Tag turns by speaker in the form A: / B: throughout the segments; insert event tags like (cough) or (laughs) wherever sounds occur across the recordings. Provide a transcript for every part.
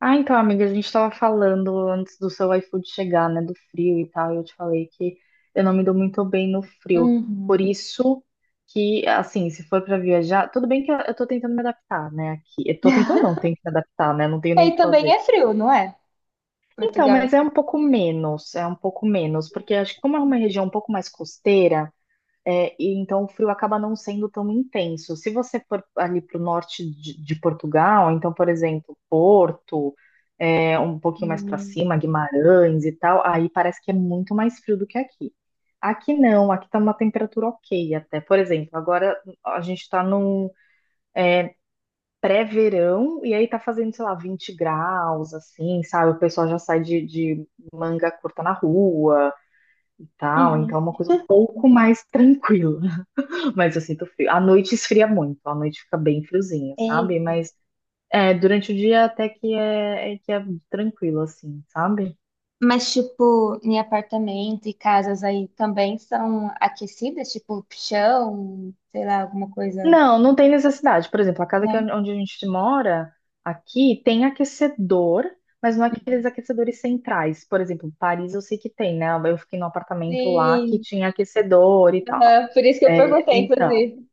A: Ah, então, amiga, a gente tava falando antes do seu iFood chegar, né, do frio e tal, e eu te falei que eu não me dou muito bem no frio. Por
B: Uhum.
A: isso que, assim, se for pra viajar, tudo bem que eu tô tentando me adaptar, né, aqui. Eu tô tentando não, tenho
B: (laughs)
A: que me adaptar, né, não tenho
B: E
A: nem o
B: aí
A: que
B: também
A: fazer.
B: é frio, não é?
A: Então,
B: Portugal é
A: mas é
B: frio.
A: um pouco menos, é um pouco menos, porque acho que como é uma região um pouco mais costeira, é, e então o frio acaba não sendo tão intenso. Se você for ali pro norte de Portugal, então, por exemplo, Porto um pouquinho mais para
B: Hum.
A: cima, Guimarães e tal, aí parece que é muito mais frio do que aqui. Aqui não, aqui tá uma temperatura ok até. Por exemplo, agora a gente tá num pré-verão e aí tá fazendo, sei lá, 20 graus, assim, sabe? O pessoal já sai de manga curta na rua e tal,
B: Uhum.
A: então é uma coisa um pouco mais tranquila. (laughs) Mas eu sinto frio. À noite esfria muito, à noite fica bem friozinho,
B: E-
A: sabe? Mas é, durante o dia até que é, é que é tranquilo, assim, sabe?
B: mas, tipo, em apartamento e casas aí também são aquecidas, tipo, chão, sei lá, alguma coisa,
A: Não, não tem necessidade. Por exemplo, a casa que,
B: né?
A: onde a gente mora, aqui, tem aquecedor, mas não é aqueles aquecedores centrais. Por exemplo, Paris eu sei que tem, né? Eu fiquei num apartamento lá que
B: Sim.
A: tinha aquecedor e tal.
B: Aham. Por isso que eu
A: É,
B: perguntei,
A: então,
B: inclusive.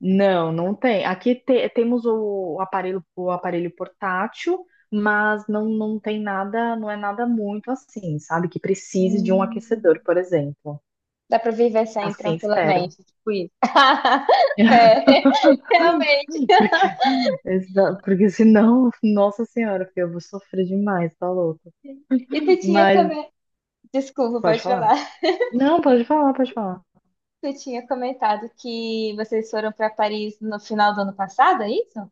A: não, não tem. Aqui te- temos o aparelho portátil, mas não, não tem nada, não é nada muito assim, sabe? Que precise de um
B: Hum.
A: aquecedor, por exemplo.
B: Dá pra viver sem
A: Assim, espero.
B: tranquilamente, tipo isso. (laughs)
A: (laughs)
B: É, realmente.
A: Porque Exa- Porque senão, (laughs) nossa senhora, filho, eu vou sofrer demais, tá louco.
B: E tu tinha
A: Mas,
B: comido. Desculpa,
A: pode
B: pode
A: falar?
B: falar.
A: Não, pode falar, pode falar.
B: Você tinha comentado que vocês foram para Paris no final do ano passado, é isso?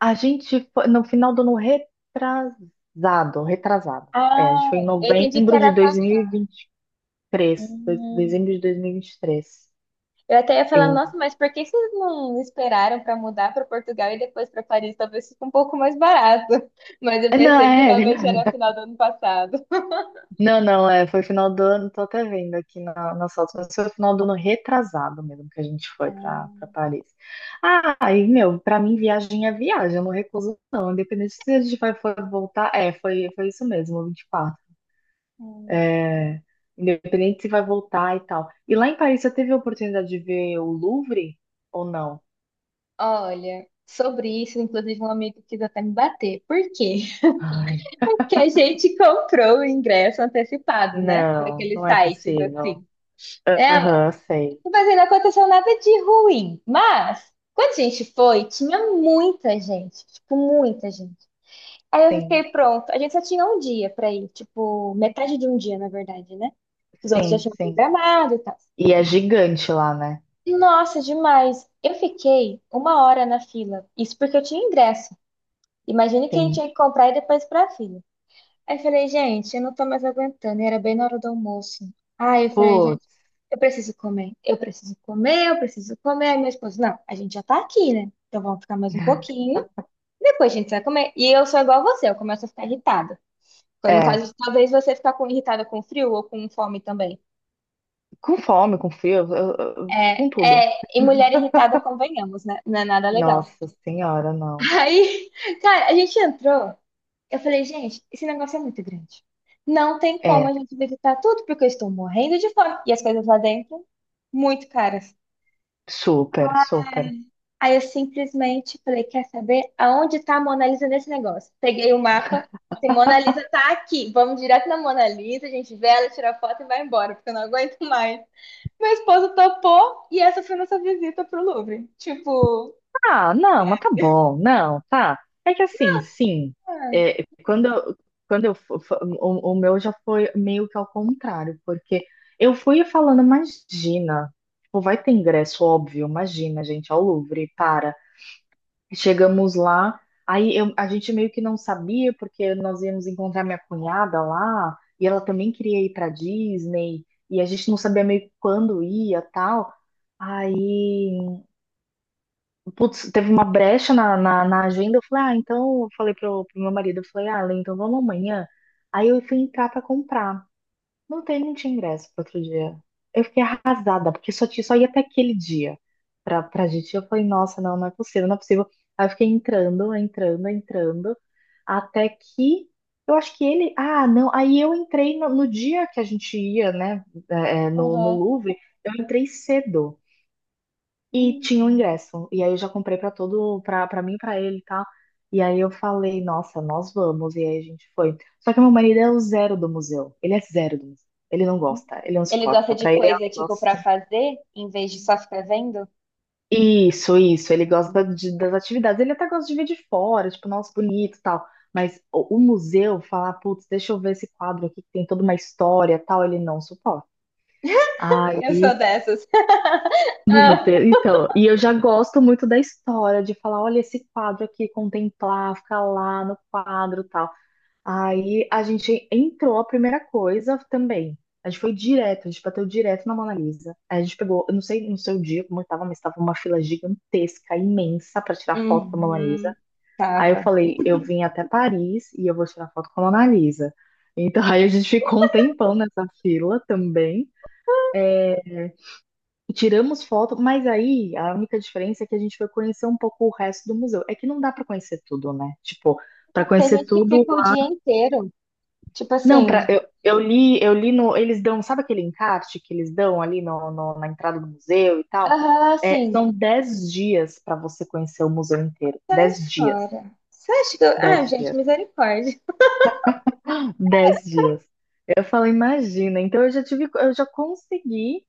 A: A gente foi no final do ano retrasado, retrasado. É, a gente
B: Ah,
A: foi em
B: eu entendi que
A: novembro de
B: era passado.
A: 2023,
B: Hum.
A: dezembro de dois mil e vinte e três.
B: Eu até ia falar,
A: Eu.
B: nossa, mas por que vocês não esperaram para mudar para Portugal e depois para Paris? Talvez fique um pouco mais barato. (laughs) Mas eu
A: É, Não,
B: pensei que
A: é,
B: realmente era
A: (laughs)
B: final do ano passado.
A: Não, não, é, foi final do ano, tô até vendo aqui na, nas fotos, mas foi final do ano retrasado mesmo que a gente foi pra, pra
B: Ah,
A: Paris. Ah, aí, meu, pra mim viagem é viagem, eu não recuso não, independente se a gente vai for voltar, é, foi, foi isso mesmo, 24.
B: hum.
A: É, independente se vai voltar e tal. E lá em Paris, você teve a oportunidade de ver o Louvre ou não?
B: Olha, sobre isso, inclusive um amigo quis até me bater. Por quê?
A: Ai,
B: (laughs) Porque a gente comprou o ingresso antecipado, né? Por
A: não,
B: aqueles
A: não é
B: sites
A: possível.
B: assim. É.
A: Aham, sei.
B: Mas aí não aconteceu nada de ruim. Mas, quando a gente foi, tinha muita gente. Tipo, muita gente. Aí eu
A: Sim,
B: fiquei pronto. A gente só tinha um dia pra ir. Tipo, metade de um dia, na verdade, né? Os outros já
A: sim,
B: tinham
A: sim.
B: programado e tal.
A: E é gigante lá, né?
B: Nossa, demais. Eu fiquei 1 hora na fila. Isso porque eu tinha ingresso. Imagine quem
A: Sim.
B: tinha que comprar e depois pra fila. Aí eu falei, gente, eu não tô mais aguentando. E era bem na hora do almoço. Aí eu falei, gente. Eu preciso comer, eu preciso comer, eu preciso comer. Aí meu esposo, não, a gente já tá aqui, né? Então vamos ficar mais um pouquinho, depois a gente vai comer. E eu sou igual a você, eu começo a ficar irritada. Então, no caso,
A: É,
B: talvez você ficar com, irritada com frio ou com fome também.
A: com fome, com frio,
B: É,
A: com tudo.
B: é, e mulher irritada, convenhamos, né? Não é nada legal.
A: Nossa senhora, não.
B: (laughs) Aí, cara, a gente entrou. Eu falei, gente, esse negócio é muito grande. Não tem como
A: É,
B: a gente visitar tudo, porque eu estou morrendo de fome. E as coisas lá dentro, muito caras.
A: super, super.
B: Aí eu simplesmente falei, quer saber aonde tá a Mona Lisa nesse negócio? Peguei o mapa, se Mona Lisa tá aqui, vamos direto na Mona Lisa, a gente vê ela, tira a foto e vai embora, porque eu não aguento mais. Meu esposo topou e essa foi nossa visita pro Louvre. Tipo,
A: Ah, não, mas tá bom, não, tá. É que assim, sim,
B: ai,
A: é, quando, quando eu, o meu já foi meio que ao contrário, porque eu fui falando, imagina, tipo, vai ter ingresso, óbvio, imagina, gente, ao Louvre, para. Chegamos lá, aí a gente meio que não sabia, porque nós íamos encontrar minha cunhada lá, e ela também queria ir para Disney, e a gente não sabia meio que quando ia, tal. Aí, putz, teve uma brecha na agenda, eu falei, ah, então, eu falei pro meu marido, eu falei, ah, Ale, então vamos amanhã. Aí eu fui entrar para comprar. Não tem, não tinha ingresso para outro dia. Eu fiquei arrasada, porque só, tinha, só ia até aquele dia pra, pra gente. Eu falei, nossa, não, não é possível, não é possível. Aí eu fiquei entrando, entrando, entrando, até que eu acho que ele. Ah, não. Aí eu entrei no, no dia que a gente ia, né, é, é, no
B: aham.
A: Louvre, eu entrei cedo. E tinha o
B: Hum.
A: ingresso. E aí eu já comprei pra todo, pra para mim, pra ele e tal. E aí eu falei, nossa, nós vamos. E aí a gente foi. Só que meu marido é o zero do museu. Ele é zero do museu. Ele não gosta, ele não
B: Ele gosta
A: suporta.
B: de
A: Pra ele é um
B: coisa, tipo, pra
A: negócio.
B: fazer, em vez de só ficar vendo?
A: Isso, isso. Ele gosta das atividades. Ele até gosta de ver de fora, tipo, nossa, bonito e tal. Mas o museu, falar, putz, deixa eu ver esse quadro aqui que tem toda uma história e tal, ele não suporta.
B: Eu sou
A: Aí
B: dessas. (laughs)
A: Meu
B: Ah.
A: Deus, então, e eu já gosto muito da história, de falar, olha esse quadro aqui, contemplar, ficar lá no quadro e tal. Aí a gente entrou, a primeira coisa também, a gente foi direto, a gente bateu direto na Mona Lisa. Aí a gente pegou, eu não sei no seu dia como estava, mas estava uma fila gigantesca, imensa, para tirar foto da Mona Lisa.
B: Uhum.
A: Aí eu
B: Tava.
A: falei, eu vim até Paris e eu vou tirar foto com a Mona Lisa. Então (laughs) aí a gente ficou um tempão nessa fila também. É, tiramos foto, mas aí a única diferença é que a gente foi conhecer um pouco o resto do museu. É que não dá para conhecer tudo, né? Tipo, para
B: Tem
A: conhecer
B: gente que
A: tudo.
B: fica o dia inteiro. Tipo
A: Não,
B: assim,
A: para eu, eu li no, eles dão, sabe aquele encarte que eles dão ali no, na entrada do museu e tal?
B: aham,
A: É,
B: sim.
A: são 10 dias para você conhecer o museu inteiro. 10 dias.
B: Fora. Você acha que eu... Ah,
A: dez
B: gente,
A: dias.
B: misericórdia.
A: 10 dias. Eu falo, imagina. Então eu já tive, eu já consegui.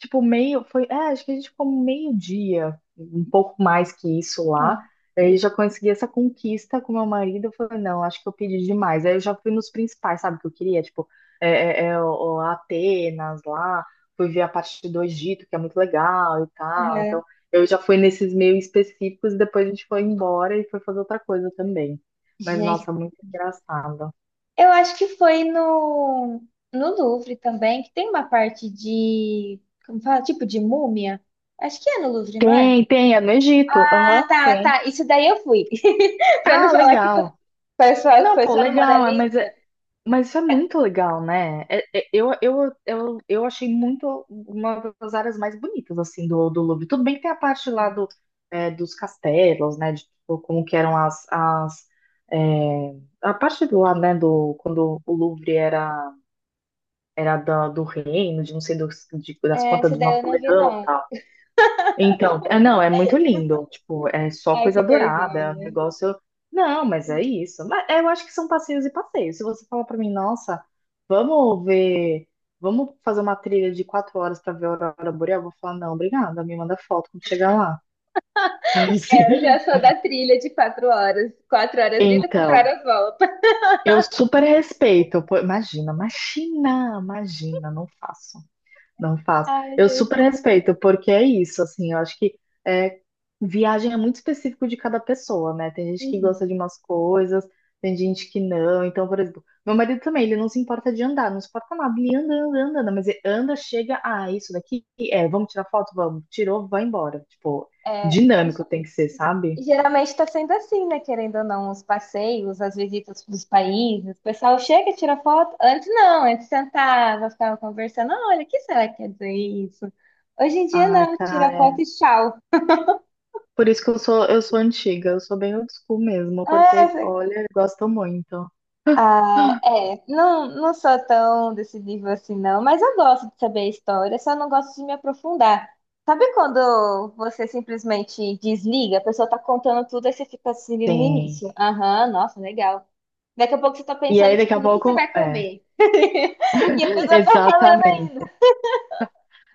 A: Tipo, meio, foi, é, acho que a gente ficou meio-dia, um pouco mais que isso lá.
B: Sim.
A: Aí já consegui essa conquista com meu marido. Eu falei, não, acho que eu pedi demais. Aí eu já fui nos principais, sabe, que eu queria, tipo, é, o Atenas lá, fui ver a parte do Egito, que é muito legal e tal. Então,
B: Uhum.
A: eu já fui nesses meio específicos, e depois a gente foi embora e foi fazer outra coisa também. Mas,
B: Gente,
A: nossa, muito engraçado.
B: eu acho que foi no, Louvre também, que tem uma parte de, como fala, tipo de múmia. Acho que é no Louvre, não é?
A: Tem, tem, é no Egito.
B: Ah,
A: Aham,
B: tá,
A: tem.
B: tá. Isso daí eu fui. (laughs) Pra não
A: Ah,
B: falar que
A: legal.
B: foi só, que
A: Não,
B: foi
A: pô,
B: só no Mona
A: legal, é, mas
B: Lisa.
A: mas isso é muito legal, né? Eu, eu achei muito uma das áreas mais bonitas, assim, do Louvre. Tudo bem que tem a parte lá do, é, dos castelos, né? De tipo, como que eram as... as é, a parte do lá, né? Do, quando o Louvre era, era da, do reino, de não sei das
B: É,
A: contas
B: isso
A: do
B: daí eu não vi,
A: Napoleão,
B: não.
A: então, é, não, é muito lindo. Tipo, é só
B: Ai, que
A: coisa dourada, é um
B: vergonha.
A: negócio. Não, mas é isso. Mas é, eu acho que são passeios e passeios. Se você falar pra mim, nossa, vamos ver, vamos fazer uma trilha de 4 horas pra ver a aurora boreal, eu vou falar, não, obrigada, me manda foto quando chegar lá. (laughs) Então, assim,
B: É, eu já sou da trilha de 4 horas. 4 horas ida, quatro
A: então,
B: horas volta.
A: eu super respeito. Pô, imagina, imagina, imagina, não faço. Não faço.
B: Ai,
A: Eu
B: gente.
A: super respeito, porque é isso, assim, eu acho que é, viagem é muito específico de cada pessoa, né? Tem gente que gosta
B: Uhum.
A: de umas coisas, tem gente que não. Então, por exemplo, meu marido também, ele não se importa de andar, não se importa nada, ele anda, anda, anda, anda, mas ele anda, chega, ah, isso daqui, é, vamos tirar foto? Vamos. Tirou, vai embora. Tipo,
B: É,
A: dinâmico tem que ser,
B: e
A: sabe?
B: geralmente está sendo assim, né? Querendo ou não, os passeios, as visitas dos países, o pessoal chega, e tira foto. Antes não, antes sentava, ficava conversando. "Ah, olha, o que será que quer dizer isso? Hoje em dia
A: Ai,
B: não,
A: cara,
B: tira foto
A: é.
B: e tchau.
A: Por isso que eu sou antiga, eu sou bem old school mesmo, porque,
B: Ah,
A: olha, eu gosto muito.
B: ah, é, não, não sou tão desse nível assim, não, mas eu gosto de saber a história, só não gosto de me aprofundar. Sabe quando você simplesmente desliga, a pessoa tá contando tudo e você fica assim no
A: Sim.
B: início? Aham, nossa, legal. Daqui a pouco você tá
A: E aí,
B: pensando,
A: daqui a
B: tipo, no que você
A: pouco,
B: vai
A: é.
B: comer? (laughs) E a pessoa tá falando ainda.
A: Exatamente.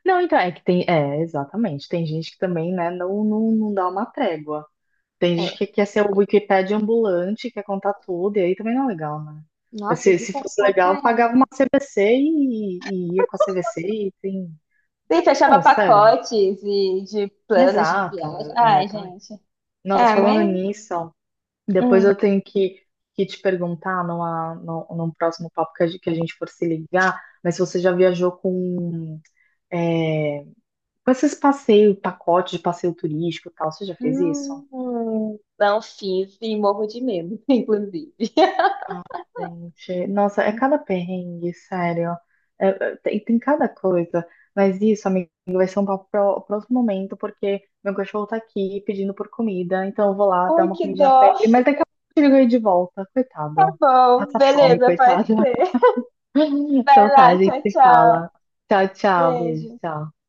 A: Não, então, é que tem. É, exatamente. Tem gente que também, né, não, não, não dá uma trégua. Tem gente
B: É,
A: que quer ser o Wikipédia ambulante, quer contar tudo, e aí também não é legal, né? Mas
B: nossa,
A: se
B: irrita
A: fosse
B: pra
A: legal, eu
B: caralho.
A: pagava uma CVC e ia com a CVC e tem.
B: Sim, fechava
A: Não, sério.
B: pacotes e de
A: Né?
B: planos de
A: Exato,
B: viagem. Ai,
A: exatamente.
B: gente.
A: Nossa,
B: Ah,
A: falando
B: mas.
A: nisso, ó, depois
B: Hum.
A: eu tenho que te perguntar numa, num, num, próximo papo que a gente for se ligar, mas se você já viajou com. É, com esses passeios, pacote de passeio turístico e tal, você já fez isso?
B: Não fiz e morro de medo, (laughs) inclusive.
A: Gente, nossa, é cada perrengue, sério. É, é, tem, tem cada coisa. Mas isso, amigo, vai ser um papo pro próximo momento, porque meu cachorro tá aqui pedindo por comida, então eu vou lá
B: Ai,
A: dar uma
B: que
A: comidinha
B: dó.
A: pra ele. Mas daqui a pouco eu ligo aí de volta,
B: Tá
A: coitado.
B: bom,
A: Passa fome,
B: beleza, pode
A: coitado.
B: ser.
A: (laughs) Então
B: Vai
A: tá, a
B: lá,
A: gente
B: tchau,
A: se
B: tchau.
A: fala. Tchau, tchau, beijo,
B: Beijo.
A: tchau.